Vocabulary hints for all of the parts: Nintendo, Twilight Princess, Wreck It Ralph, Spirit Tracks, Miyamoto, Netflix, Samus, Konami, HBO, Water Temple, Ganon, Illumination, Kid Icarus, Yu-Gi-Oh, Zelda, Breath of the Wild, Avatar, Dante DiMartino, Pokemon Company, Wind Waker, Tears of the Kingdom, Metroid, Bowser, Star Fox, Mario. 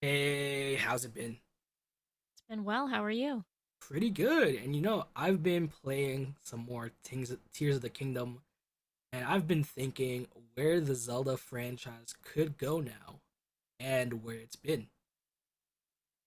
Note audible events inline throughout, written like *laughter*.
Hey, how's it been? And well, how are you? Pretty good. And you know, I've been playing some more things, Tears of the Kingdom, and I've been thinking where the Zelda franchise could go now and where it's been.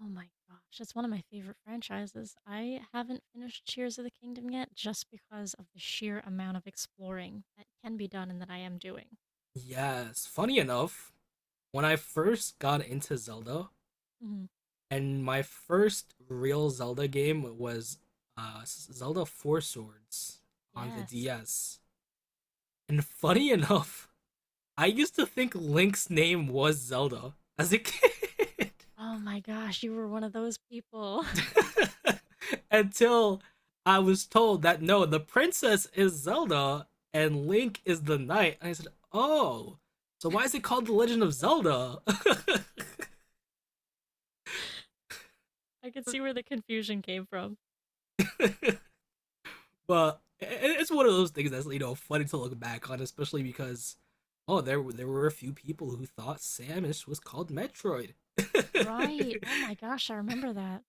Oh my gosh, it's one of my favorite franchises. I haven't finished Tears of the Kingdom yet just because of the sheer amount of exploring that can be done and that I am doing. Yes, funny enough, when I first got into Zelda, Mhm. and my first real Zelda game was Zelda Four Swords on the Yes. DS. And funny *laughs* enough, I used to think Link's name was Zelda as a kid. *laughs* Oh my gosh, you were one of those people. *laughs* *laughs* Until I was told that no, the princess is Zelda and Link is the knight. And I said, oh, so why is it called The Legend of Zelda? *laughs* I could see where the confusion came from. But it's one of those things that's funny to look back on, especially because oh, there were a few people who thought Samus was called Metroid. Right. Oh my gosh, I remember that.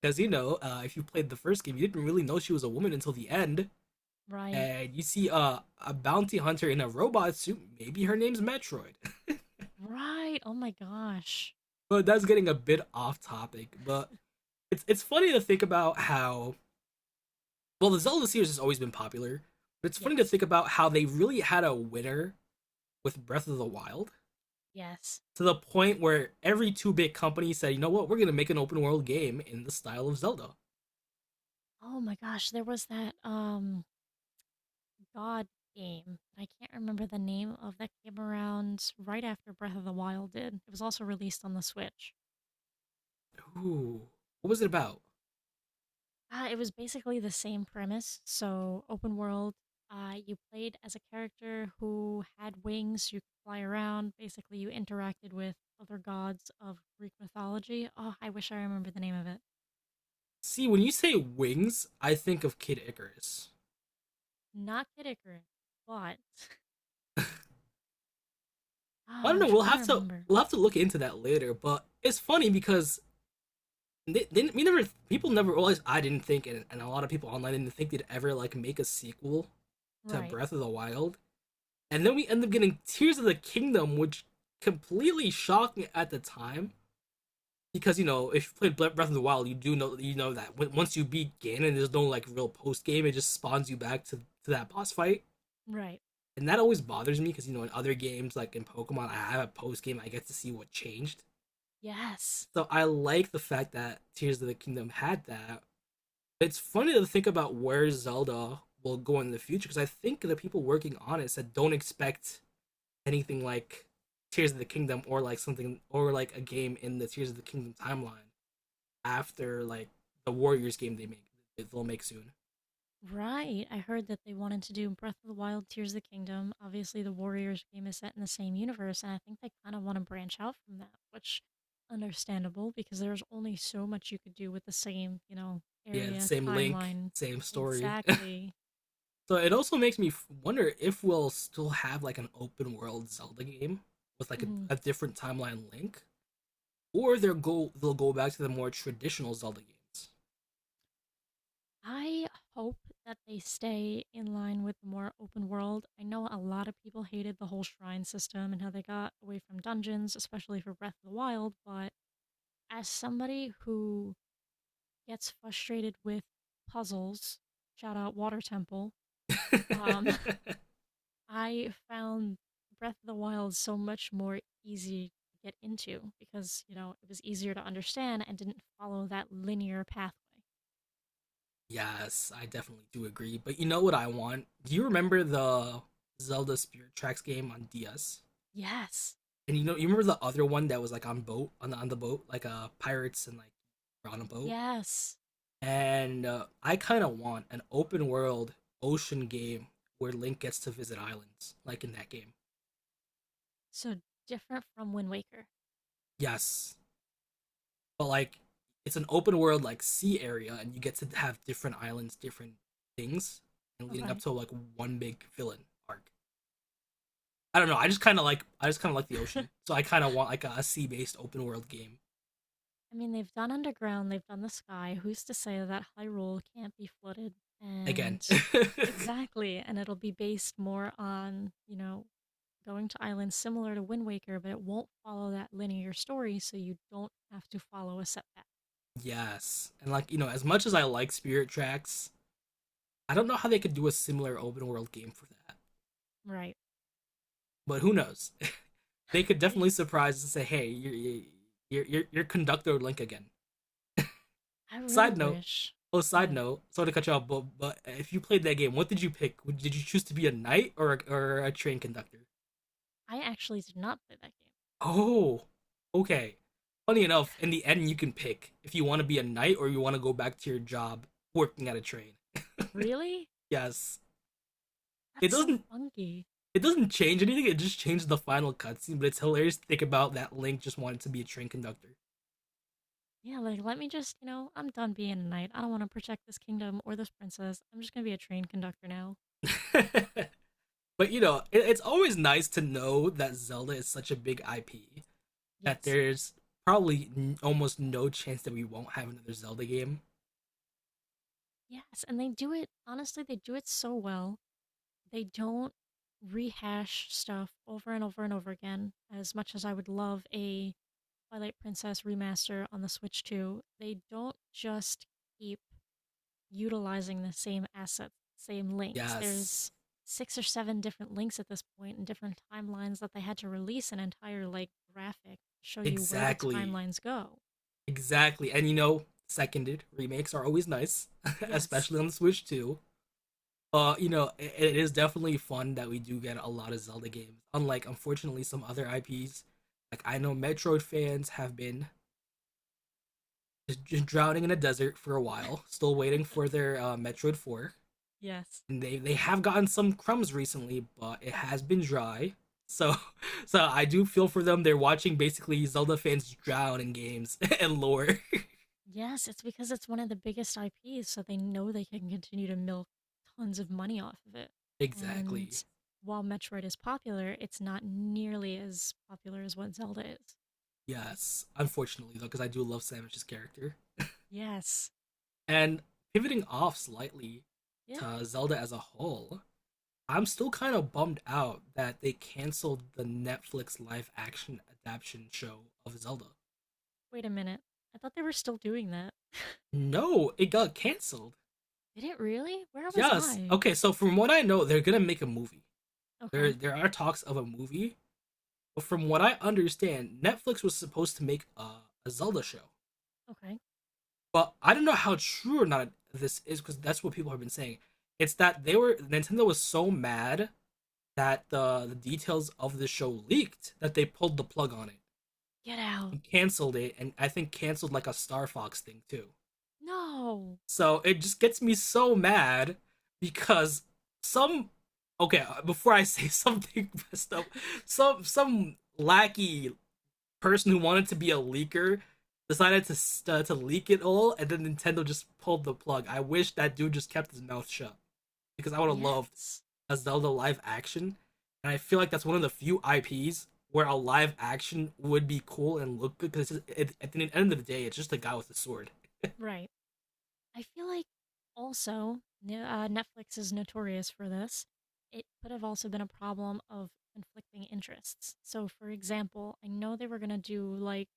Because *laughs* you know, if you played the first game, you didn't really know she was a woman until the end. Right. And you see a bounty hunter in a robot suit. Maybe her name's Metroid. Right. Oh my gosh. *laughs* But that's getting a bit off topic. But it's funny to think about how well the Zelda series has always been popular. But it's funny to Yes. think about how they really had a winner with Breath of the Wild, Yes. to the point where every two bit company said, you know what, we're gonna make an open world game in the style of Zelda. Oh my gosh, there was that god game. I can't remember the name of that came around right after Breath of the Wild did. It was also released on the Switch. Ooh, what was it about? It was basically the same premise, so open world. You played as a character who had wings. You could fly around. Basically, you interacted with other gods of Greek mythology. Oh, I wish I remember the name of it. See, when you say wings, I think of Kid Icarus. Not Kid Icarus, but *sighs* I oh, don't I'm know. We'll trying to have to remember. we'll have to look into that later. But it's funny because they, we never people never realized, I didn't think, and a lot of people online didn't think they'd ever like make a sequel to Right, Breath of the Wild. And then we end up getting Tears of the Kingdom, which completely shocked me at the time because you know if you played Breath of the Wild, you do know, you know, that once you beat Ganon, there's no like real post game. It just spawns you back to that boss fight, right. and that always bothers me because you know in other games like in Pokemon, I have a post game. I get to see what changed. Yes. So I like the fact that Tears of the Kingdom had that. It's funny to think about where Zelda will go in the future because I think the people working on it said don't expect anything like Tears of the Kingdom or like something or like a game in the Tears of the Kingdom timeline after like the Warriors game they make, they'll make soon. Right. I heard that they wanted to do Breath of the Wild, Tears of the Kingdom. Obviously, the Warriors game is set in the same universe, and I think they kind of want to branch out from that, which understandable because there's only so much you could do with the same, you know, Yeah, the area same link, timeline. same story. *laughs* Exactly. So it also makes me wonder if we'll still have like an open world Zelda game with like a, Hmm. a different timeline link, or they'll go back to the more traditional Zelda games. I hope that they stay in line with the more open world. I know a lot of people hated the whole shrine system and how they got away from dungeons, especially for Breath of the Wild, but as somebody who gets frustrated with puzzles, shout out Water Temple, um, *laughs* *laughs* I found Breath of the Wild so much more easy to get into because, you know, it was easier to understand and didn't follow that linear pathway. Yes, I definitely do agree. But you know what I want? Do you remember the Zelda Spirit Tracks game on DS? Yes. And you know you remember the other one that was like on boat on the boat like pirates and like on a boat. Yes. And I kind of want an open world ocean game where Link gets to visit islands like in that game. So different from Wind Waker. Yes, but like it's an open world like sea area, and you get to have different islands, different things, and leading up Okay. to like one big villain arc. I don't know. I Okay. just kind of like I just kind of like the ocean, *laughs* so I kind of want like a sea based open world game I mean, they've done underground, they've done the sky. Who's to say that Hyrule can't be flooded? again. And *laughs* exactly, and it'll be based more on, you know, going to islands similar to Wind Waker, but it won't follow that linear story, so you don't have to follow a setback. Yes, and like you know, as much as I like Spirit Tracks, I don't know how they could do a similar open world game for that. Right. But who knows? *laughs* They could Did, definitely surprise and say, "Hey, you're conductor Link again." I really Side note. wish. Oh, Go side ahead. note. Sorry to cut you off, but if you played that game, what did you pick? Did you choose to be a knight or or a train conductor? I actually did not play that game. Oh, okay. Funny enough, in the end, you can pick if you want to be a knight or you want to go back to your job working at a train. Really? Yes, it That's so doesn't funky. it doesn't change anything. It just changes the final cutscene, but it's hilarious to think about that Link just wanted to be a train conductor. Yeah, like let me just, you know, I'm done being a knight. I don't want to protect this kingdom or this princess. I'm just gonna be a train conductor now. *laughs* But you know, it's always nice to know that Zelda is such a big IP that Yes. there's probably almost no chance that we won't have another Zelda game. Yes, and they do it honestly, they do it so well. They don't rehash stuff over and over and over again. As much as I would love a Twilight Princess Remaster on the Switch 2, they don't just keep utilizing the same assets, same links. Yes, There's six or seven different links at this point and different timelines that they had to release an entire like graphic to show you where the exactly, timelines go. exactly. And you know, seconded remakes are always nice, *laughs* Yes. especially on the Switch too. You know, it is definitely fun that we do get a lot of Zelda games. Unlike, unfortunately, some other IPs. Like I know Metroid fans have been just drowning in a desert for a while, *laughs* still waiting for their Metroid 4. Yes. And they have gotten some crumbs recently, but it has been dry. So *laughs* so I do feel for them. They're watching basically Zelda fans drown in games *laughs* and lore. Yes, it's because it's one of the biggest IPs, so they know they can continue to milk tons of money off of it. And Exactly. while Metroid is popular, it's not nearly as popular as what Zelda is. Yes. Unfortunately though, because I do love Samus's character. Yes. And pivoting off slightly Yeah. to Zelda as a whole, I'm still kind of bummed out that they canceled the Netflix live action adaptation show of Zelda. Wait a minute. I thought they were still doing that. *laughs* No, it got canceled. Did it really? Where was Yes. I? Okay, so from what I know, they're gonna make a movie. there Okay. there are talks of a movie, but from what I understand, Netflix was supposed to make a Zelda show. Okay. But I don't know how true or not this is because that's what people have been saying. It's that they were Nintendo was so mad that the details of the show leaked that they pulled the plug on it Get out. and canceled it, and I think canceled like a Star Fox thing too. No. So it just gets me so mad because some okay, before I *laughs* say something messed up, some lackey person who wanted to be a leaker decided to leak it all, and then Nintendo just pulled the plug. I wish that dude just kept his mouth shut because I would have loved Yes. a Zelda live action, and I feel like that's one of the few IPs where a live action would be cool and look good because it, at the end of the day, it's just a guy with a sword. Right. I feel like also Netflix is notorious for this. It could have also been a problem of conflicting interests. So, for example, I know they were going to do like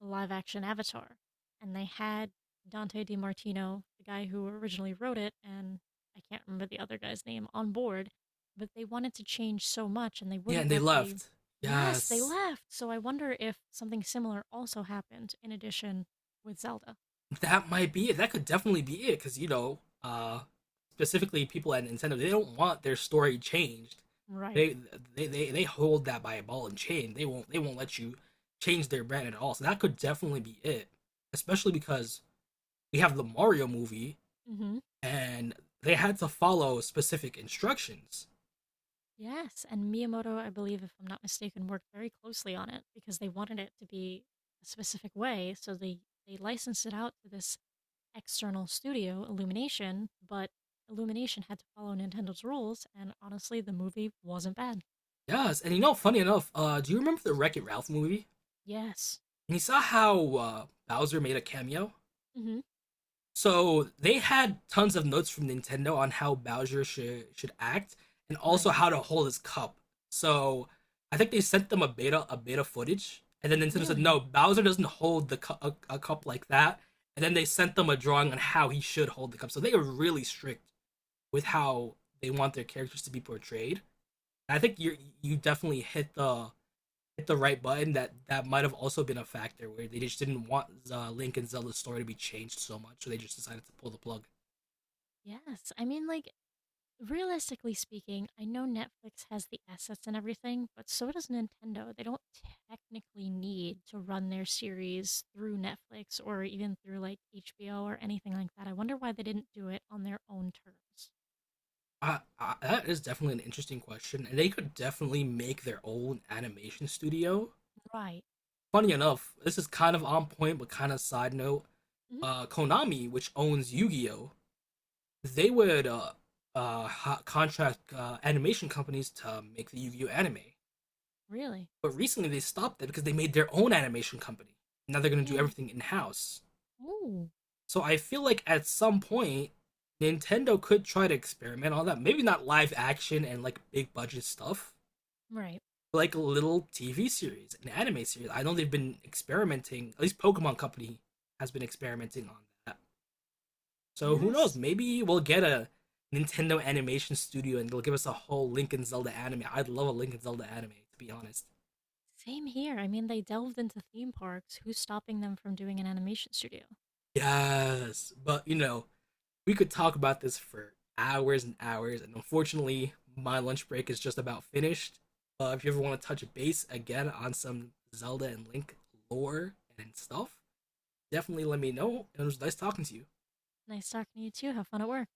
live action Avatar, and they had Dante DiMartino, the guy who originally wrote it, and I can't remember the other guy's name, on board, but they wanted to change so much and they Yeah, wouldn't and they let the. left. Yes, they Yes, left! So I wonder if something similar also happened in addition with Zelda. that might be it. That could definitely be it because you know, specifically people at Nintendo, they don't want their story changed. Right. They, they hold that by a ball and chain. They won't let you change their brand at all. So that could definitely be it, especially because we have the Mario movie Hmm. and they had to follow specific instructions. Yes, and Miyamoto, I believe, if I'm not mistaken, worked very closely on it because they wanted it to be a specific way, so they licensed it out to this external studio, Illumination, but Illumination had to follow Nintendo's rules, and honestly, the movie wasn't bad. Yes, and you know, funny enough, do you remember the Wreck It Ralph movie? Yes. And you saw how Bowser made a cameo. Hmm. So they had tons of notes from Nintendo on how Bowser should act and also Right. how to hold his cup. So I think they sent them a beta footage, and then Nintendo said no, Really? Bowser doesn't hold the a cup like that. And then they sent them a drawing on how he should hold the cup. So they are really strict with how they want their characters to be portrayed. And I think you definitely hit the right button. That might have also been a factor where they just didn't want Link and Zelda's story to be changed so much, so they just decided to pull the plug. Yes. I mean, like, realistically speaking, I know Netflix has the assets and everything, but so does Nintendo. They don't technically need to run their series through Netflix or even through, like, HBO or anything like that. I wonder why they didn't do it on their own terms. That is definitely an interesting question, and they could definitely make their own animation studio. Right. Funny enough, this is kind of on point, but kind of side note. Hmm. Konami, which owns Yu-Gi-Oh, they would uh, contract animation companies to make the Yu-Gi-Oh anime. Really? But recently, they stopped that because they made their own animation company. Now they're going to do Yeah. everything in-house. Ooh. So I feel like at some point, Nintendo could try to experiment on that. Maybe not live action and like big budget stuff Right. like a little TV series, an anime series. I know they've been experimenting. At least Pokemon Company has been experimenting on that. So who knows? Yes. Maybe we'll get a Nintendo Animation Studio and they'll give us a whole Link and Zelda anime. I'd love a Link and Zelda anime, to be honest. Same here. I mean, they delved into theme parks. Who's stopping them from doing an animation studio? Yes, but you know we could talk about this for hours and hours, and unfortunately, my lunch break is just about finished. If you ever want to touch base again on some Zelda and Link lore and stuff, definitely let me know. It was nice talking to you. Nice talking to you too. Have fun at work.